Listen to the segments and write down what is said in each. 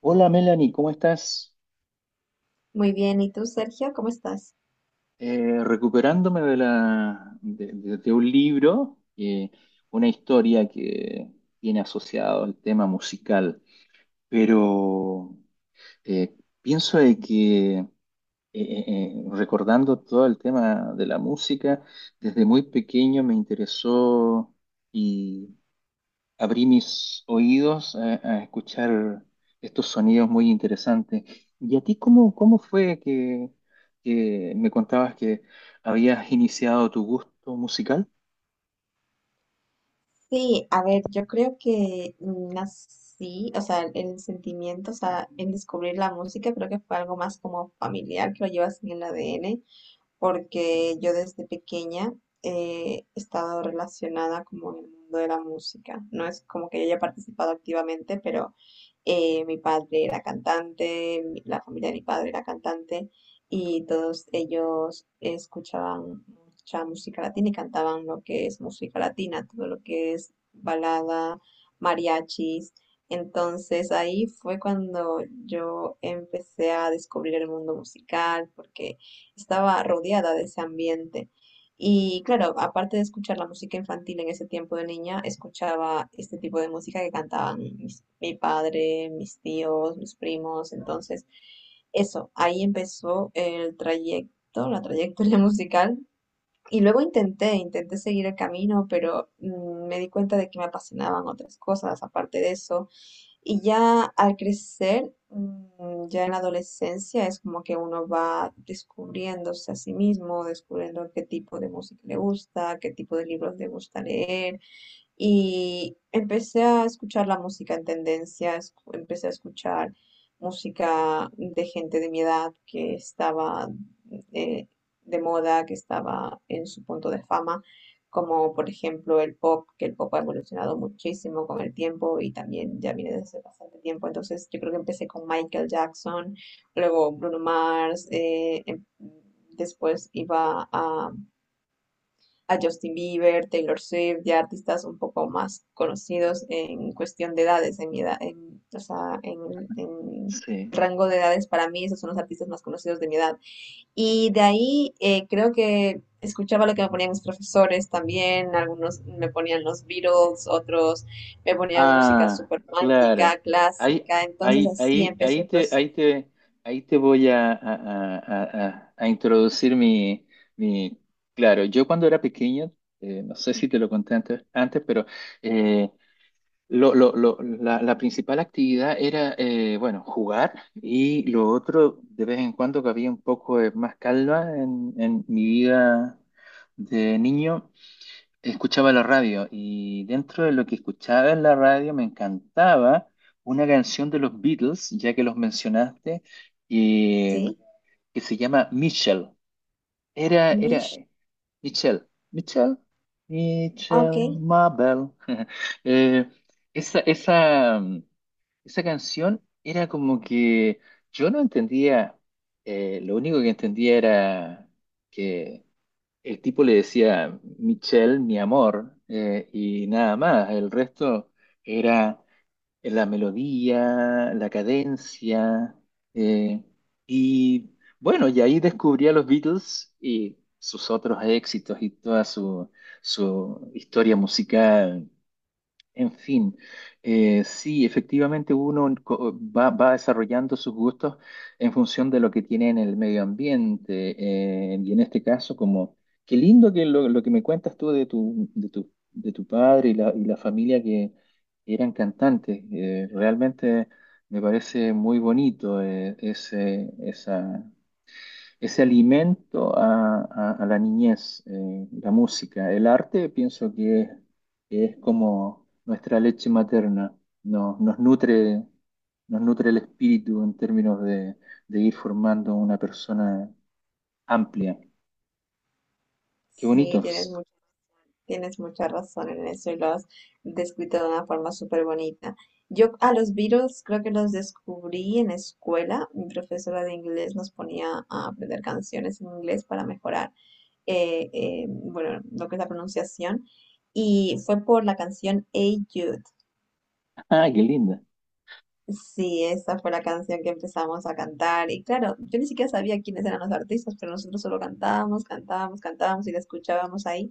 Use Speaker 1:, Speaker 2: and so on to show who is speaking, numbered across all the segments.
Speaker 1: Hola Melanie, ¿cómo estás?
Speaker 2: Muy bien, ¿y tú, Sergio? ¿Cómo estás?
Speaker 1: Recuperándome de, la, de un libro, una historia que tiene asociado el tema musical, pero eh, pienso de que recordando todo el tema de la música, desde muy pequeño me interesó, abrí mis oídos a escuchar estos sonidos muy interesantes. ¿Y a ti cómo fue que me contabas que habías iniciado tu gusto musical?
Speaker 2: Sí, a ver, yo creo que nací, o sea, el sentimiento, o sea, el descubrir la música, creo que fue algo más como familiar, que lo llevas en el ADN. Porque yo desde pequeña he estado relacionada como en el mundo de la música. No es como que yo haya participado activamente, pero mi padre era cantante, la familia de mi padre era cantante, y todos ellos escuchaban mucha música latina y cantaban lo que es música latina, todo lo que es balada, mariachis. Entonces ahí fue cuando yo empecé a descubrir el mundo musical, porque estaba rodeada de ese ambiente. Y claro, aparte de escuchar la música infantil en ese tiempo de niña, escuchaba este tipo de música que cantaban mi padre, mis tíos, mis primos. Entonces, eso, ahí empezó el trayecto, la trayectoria musical. Y luego intenté seguir el camino, pero me di cuenta de que me apasionaban otras cosas aparte de eso. Y ya al crecer, mm, ya en la adolescencia, es como que uno va descubriéndose a sí mismo, descubriendo qué tipo de música le gusta, qué tipo de libros le gusta leer, y empecé a escuchar la música en tendencia, empecé a escuchar música de gente de mi edad que estaba eh, de moda, que estaba en su punto de fama, como por ejemplo el pop, que el pop ha evolucionado muchísimo con el tiempo y también ya viene desde bastante tiempo. Entonces yo creo que empecé con Michael Jackson, luego Bruno Mars, después iba a Justin Bieber, Taylor Swift, ya artistas un poco más conocidos en cuestión de edades, en mi edad, en, o sea, en
Speaker 1: Sí.
Speaker 2: rango de edades para mí, esos son los artistas más conocidos de mi edad. Y de ahí creo que escuchaba lo que me ponían mis profesores también, algunos me ponían los Beatles, otros me ponían música
Speaker 1: Ah,
Speaker 2: súper
Speaker 1: claro.
Speaker 2: romántica,
Speaker 1: Ahí,
Speaker 2: clásica, entonces
Speaker 1: ahí,
Speaker 2: así
Speaker 1: ahí,
Speaker 2: empezó
Speaker 1: ahí
Speaker 2: el
Speaker 1: te,
Speaker 2: proceso.
Speaker 1: ahí te, ahí te voy a introducir mi. Claro, yo cuando era pequeño, no sé si te lo conté antes, pero eh, la principal actividad era, bueno, jugar, y lo otro, de vez en cuando que había un poco de más calma en mi vida de niño, escuchaba la radio, y dentro de lo que escuchaba en la radio me encantaba una canción de los Beatles, ya que los mencionaste, eh,
Speaker 2: Sí,
Speaker 1: que se llama Michelle. Era, era,
Speaker 2: Mish,
Speaker 1: Michelle, Michelle,
Speaker 2: ah, ok,
Speaker 1: Michelle Mabel. Eh, esa, esa, mm, esa canción era como que yo no entendía. Lo único que entendía era que el tipo le decía Michelle, mi amor, y nada más. El resto era en la melodía, la cadencia. eh, y bueno, y ahí descubrí a los Beatles y sus otros éxitos y toda su historia musical. En fin, sí, efectivamente uno va desarrollando sus gustos en función de lo que tiene en el medio ambiente. Y en este caso, como, qué lindo lo que me cuentas tú de tu padre y la familia que eran cantantes. Realmente me parece muy bonito ese alimento a la niñez. La música, el arte, pienso que es como nuestra leche materna, nos, nos nutre, nos nutre el espíritu en términos de ir formando una persona amplia. Qué
Speaker 2: sí, tienes
Speaker 1: bonitos.
Speaker 2: mucho. Tienes mucha razón en eso, y lo has descrito de una forma súper bonita. Yo a los Beatles creo que los descubrí en escuela. Mi profesora de inglés nos ponía a aprender canciones en inglés para mejorar, bueno, lo que es la pronunciación. Y fue por la canción Hey Jude.
Speaker 1: Ah, qué linda.
Speaker 2: Sí, esa fue la canción que empezamos a cantar. Y claro, yo ni siquiera sabía quiénes eran los artistas, pero nosotros solo cantábamos, cantábamos, cantábamos y la escuchábamos ahí.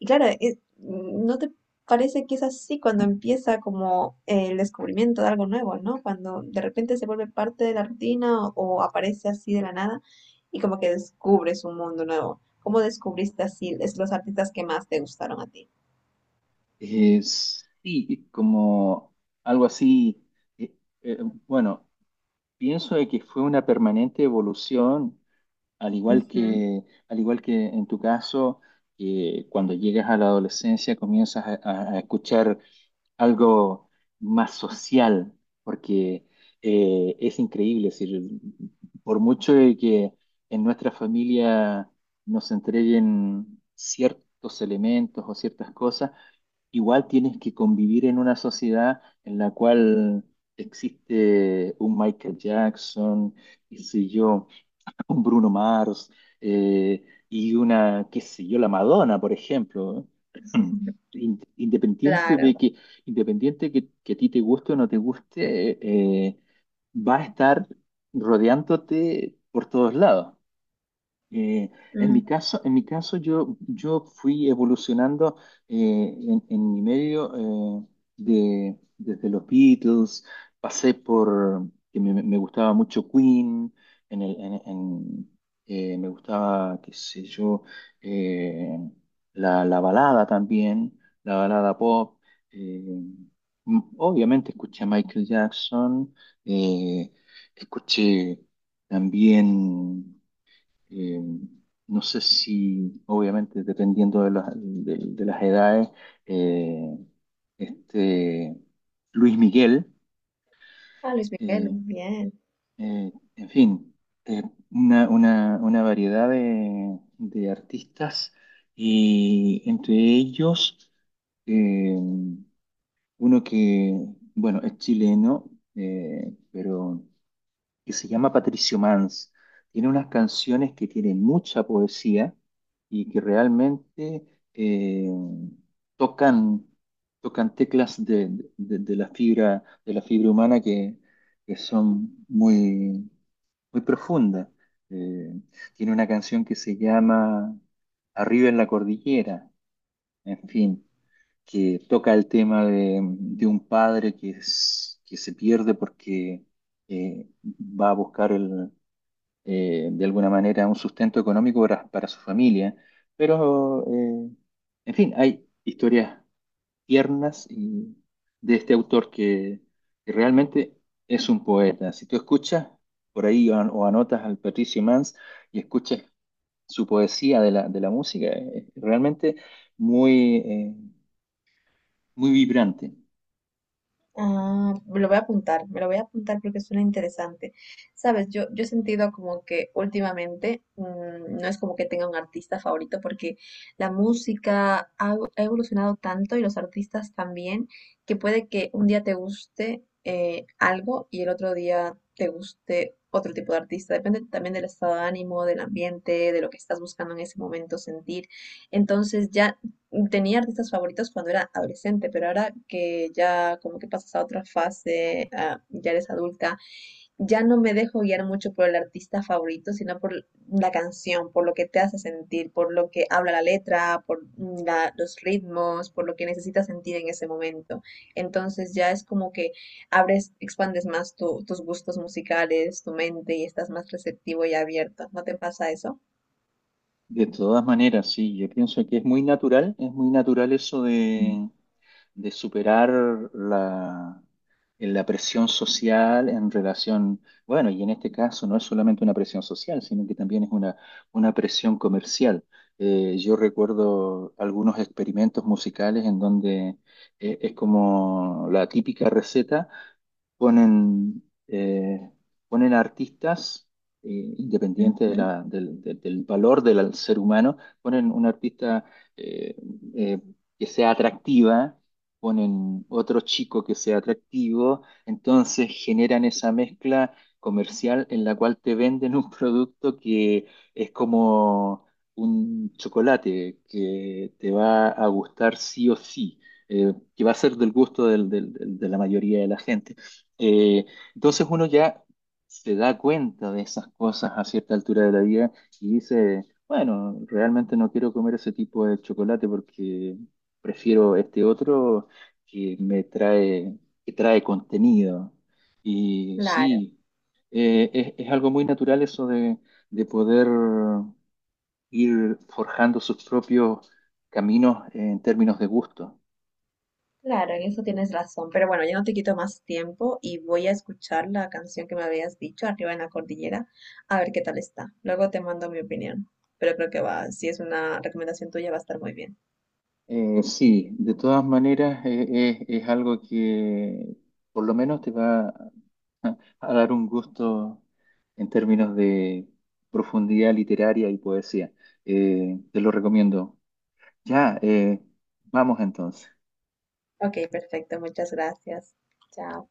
Speaker 2: Y claro, ¿no te parece que es así cuando empieza como el descubrimiento de algo nuevo, ¿no? Cuando de repente se vuelve parte de la rutina, o aparece así de la nada y como que descubres un mundo nuevo. ¿Cómo descubriste así es los artistas que más te gustaron a ti?
Speaker 1: Sí, como algo así. eh, eh, bueno, pienso de que fue una permanente evolución. Al igual
Speaker 2: Ujú,
Speaker 1: que, al igual que en tu caso, que cuando llegas a la adolescencia comienzas a escuchar algo más social, porque es increíble, es decir, por mucho de que en nuestra familia nos entreguen ciertos elementos o ciertas cosas, igual tienes que convivir en una sociedad en la cual existe un Michael Jackson, qué sé yo, un Bruno Mars, y una, qué sé yo, la Madonna, por ejemplo. Independiente de
Speaker 2: claro.
Speaker 1: que, independiente que a ti te guste o no te guste, eh, va a estar rodeándote por todos lados. Eh,
Speaker 2: Mm.
Speaker 1: en mi caso yo fui evolucionando en mi medio. De, desde los Beatles, pasé por, que me gustaba mucho Queen, en el, en, me gustaba, qué sé yo, eh, la balada también, la balada pop. eh, Obviamente escuché a Michael Jackson, eh, escuché también... Eh, no sé si, obviamente, dependiendo de las edades, eh, este, Luis Miguel,
Speaker 2: Ah, Luis Miguel,
Speaker 1: eh,
Speaker 2: bien.
Speaker 1: en fin, eh, una variedad de artistas, y entre ellos eh, uno que, bueno, es chileno, pero que se llama Patricio Mans. Tiene unas canciones que tienen mucha poesía y que realmente eh, tocan, tocan teclas de la fibra, de la fibra humana que son muy profundas. Eh, Tiene una canción que se llama Arriba en la Cordillera, en fin, que toca el tema de un padre que se pierde porque va a buscar de alguna manera un sustento económico para su familia. Pero, en fin, hay historias tiernas y de este autor que realmente es un poeta. Si tú escuchas por ahí o anotas al Patricio Mans y escuchas su poesía de la música, es realmente muy, eh, muy vibrante.
Speaker 2: Ah, me lo voy a apuntar, me lo voy a apuntar porque suena interesante. Sabes, yo he sentido como que últimamente mm, no es como que tenga un artista favorito porque la música ha, ha evolucionado tanto y los artistas también, que puede que un día te guste algo y el otro día te guste otro tipo de artista. Depende también del estado de ánimo, del ambiente, de lo que estás buscando en ese momento sentir. Entonces ya tenía artistas favoritos cuando era adolescente, pero ahora que ya como que pasas a otra fase, ah, ya eres adulta, ya no me dejo guiar mucho por el artista favorito, sino por la canción, por lo que te hace sentir, por lo que habla la letra, por mm, los ritmos, por lo que necesitas sentir en ese momento. Entonces ya es como que abres, expandes más tus gustos musicales, tu mente y estás más receptivo y abierto. ¿No te pasa eso?
Speaker 1: De todas maneras, sí, yo pienso que es muy natural eso de superar la, la presión social en relación, bueno, y en este caso no es solamente una presión social, sino que también es una presión comercial. Yo recuerdo algunos experimentos musicales en donde es como la típica receta: ponen, eh, ponen artistas, eh,
Speaker 2: Ujú.
Speaker 1: independiente de
Speaker 2: Ujú,
Speaker 1: del valor del ser humano, ponen un artista eh, eh, que sea atractiva, ponen otro chico que sea atractivo, entonces generan esa mezcla comercial en la cual te venden un producto que es como un chocolate que te va a gustar sí o sí, que va a ser del gusto de la mayoría de la gente. Eh, entonces uno ya se da cuenta de esas cosas a cierta altura de la vida y dice, bueno, realmente no quiero comer ese tipo de chocolate porque prefiero este otro que me trae, que trae contenido. Y
Speaker 2: claro.
Speaker 1: sí, es algo muy natural eso de poder ir forjando sus propios caminos en términos de gusto.
Speaker 2: Claro, en eso tienes razón, pero bueno, ya no te quito más tiempo y voy a escuchar la canción que me habías dicho, Arriba en la Cordillera, a ver qué tal está. Luego te mando mi opinión, pero creo que va, si es una recomendación tuya, va a estar muy bien.
Speaker 1: Sí, de todas maneras es algo que por lo menos te va a dar un gusto en términos de profundidad literaria y poesía. Te lo recomiendo. Ya, vamos entonces.
Speaker 2: Ok, perfecto, muchas gracias. Chao.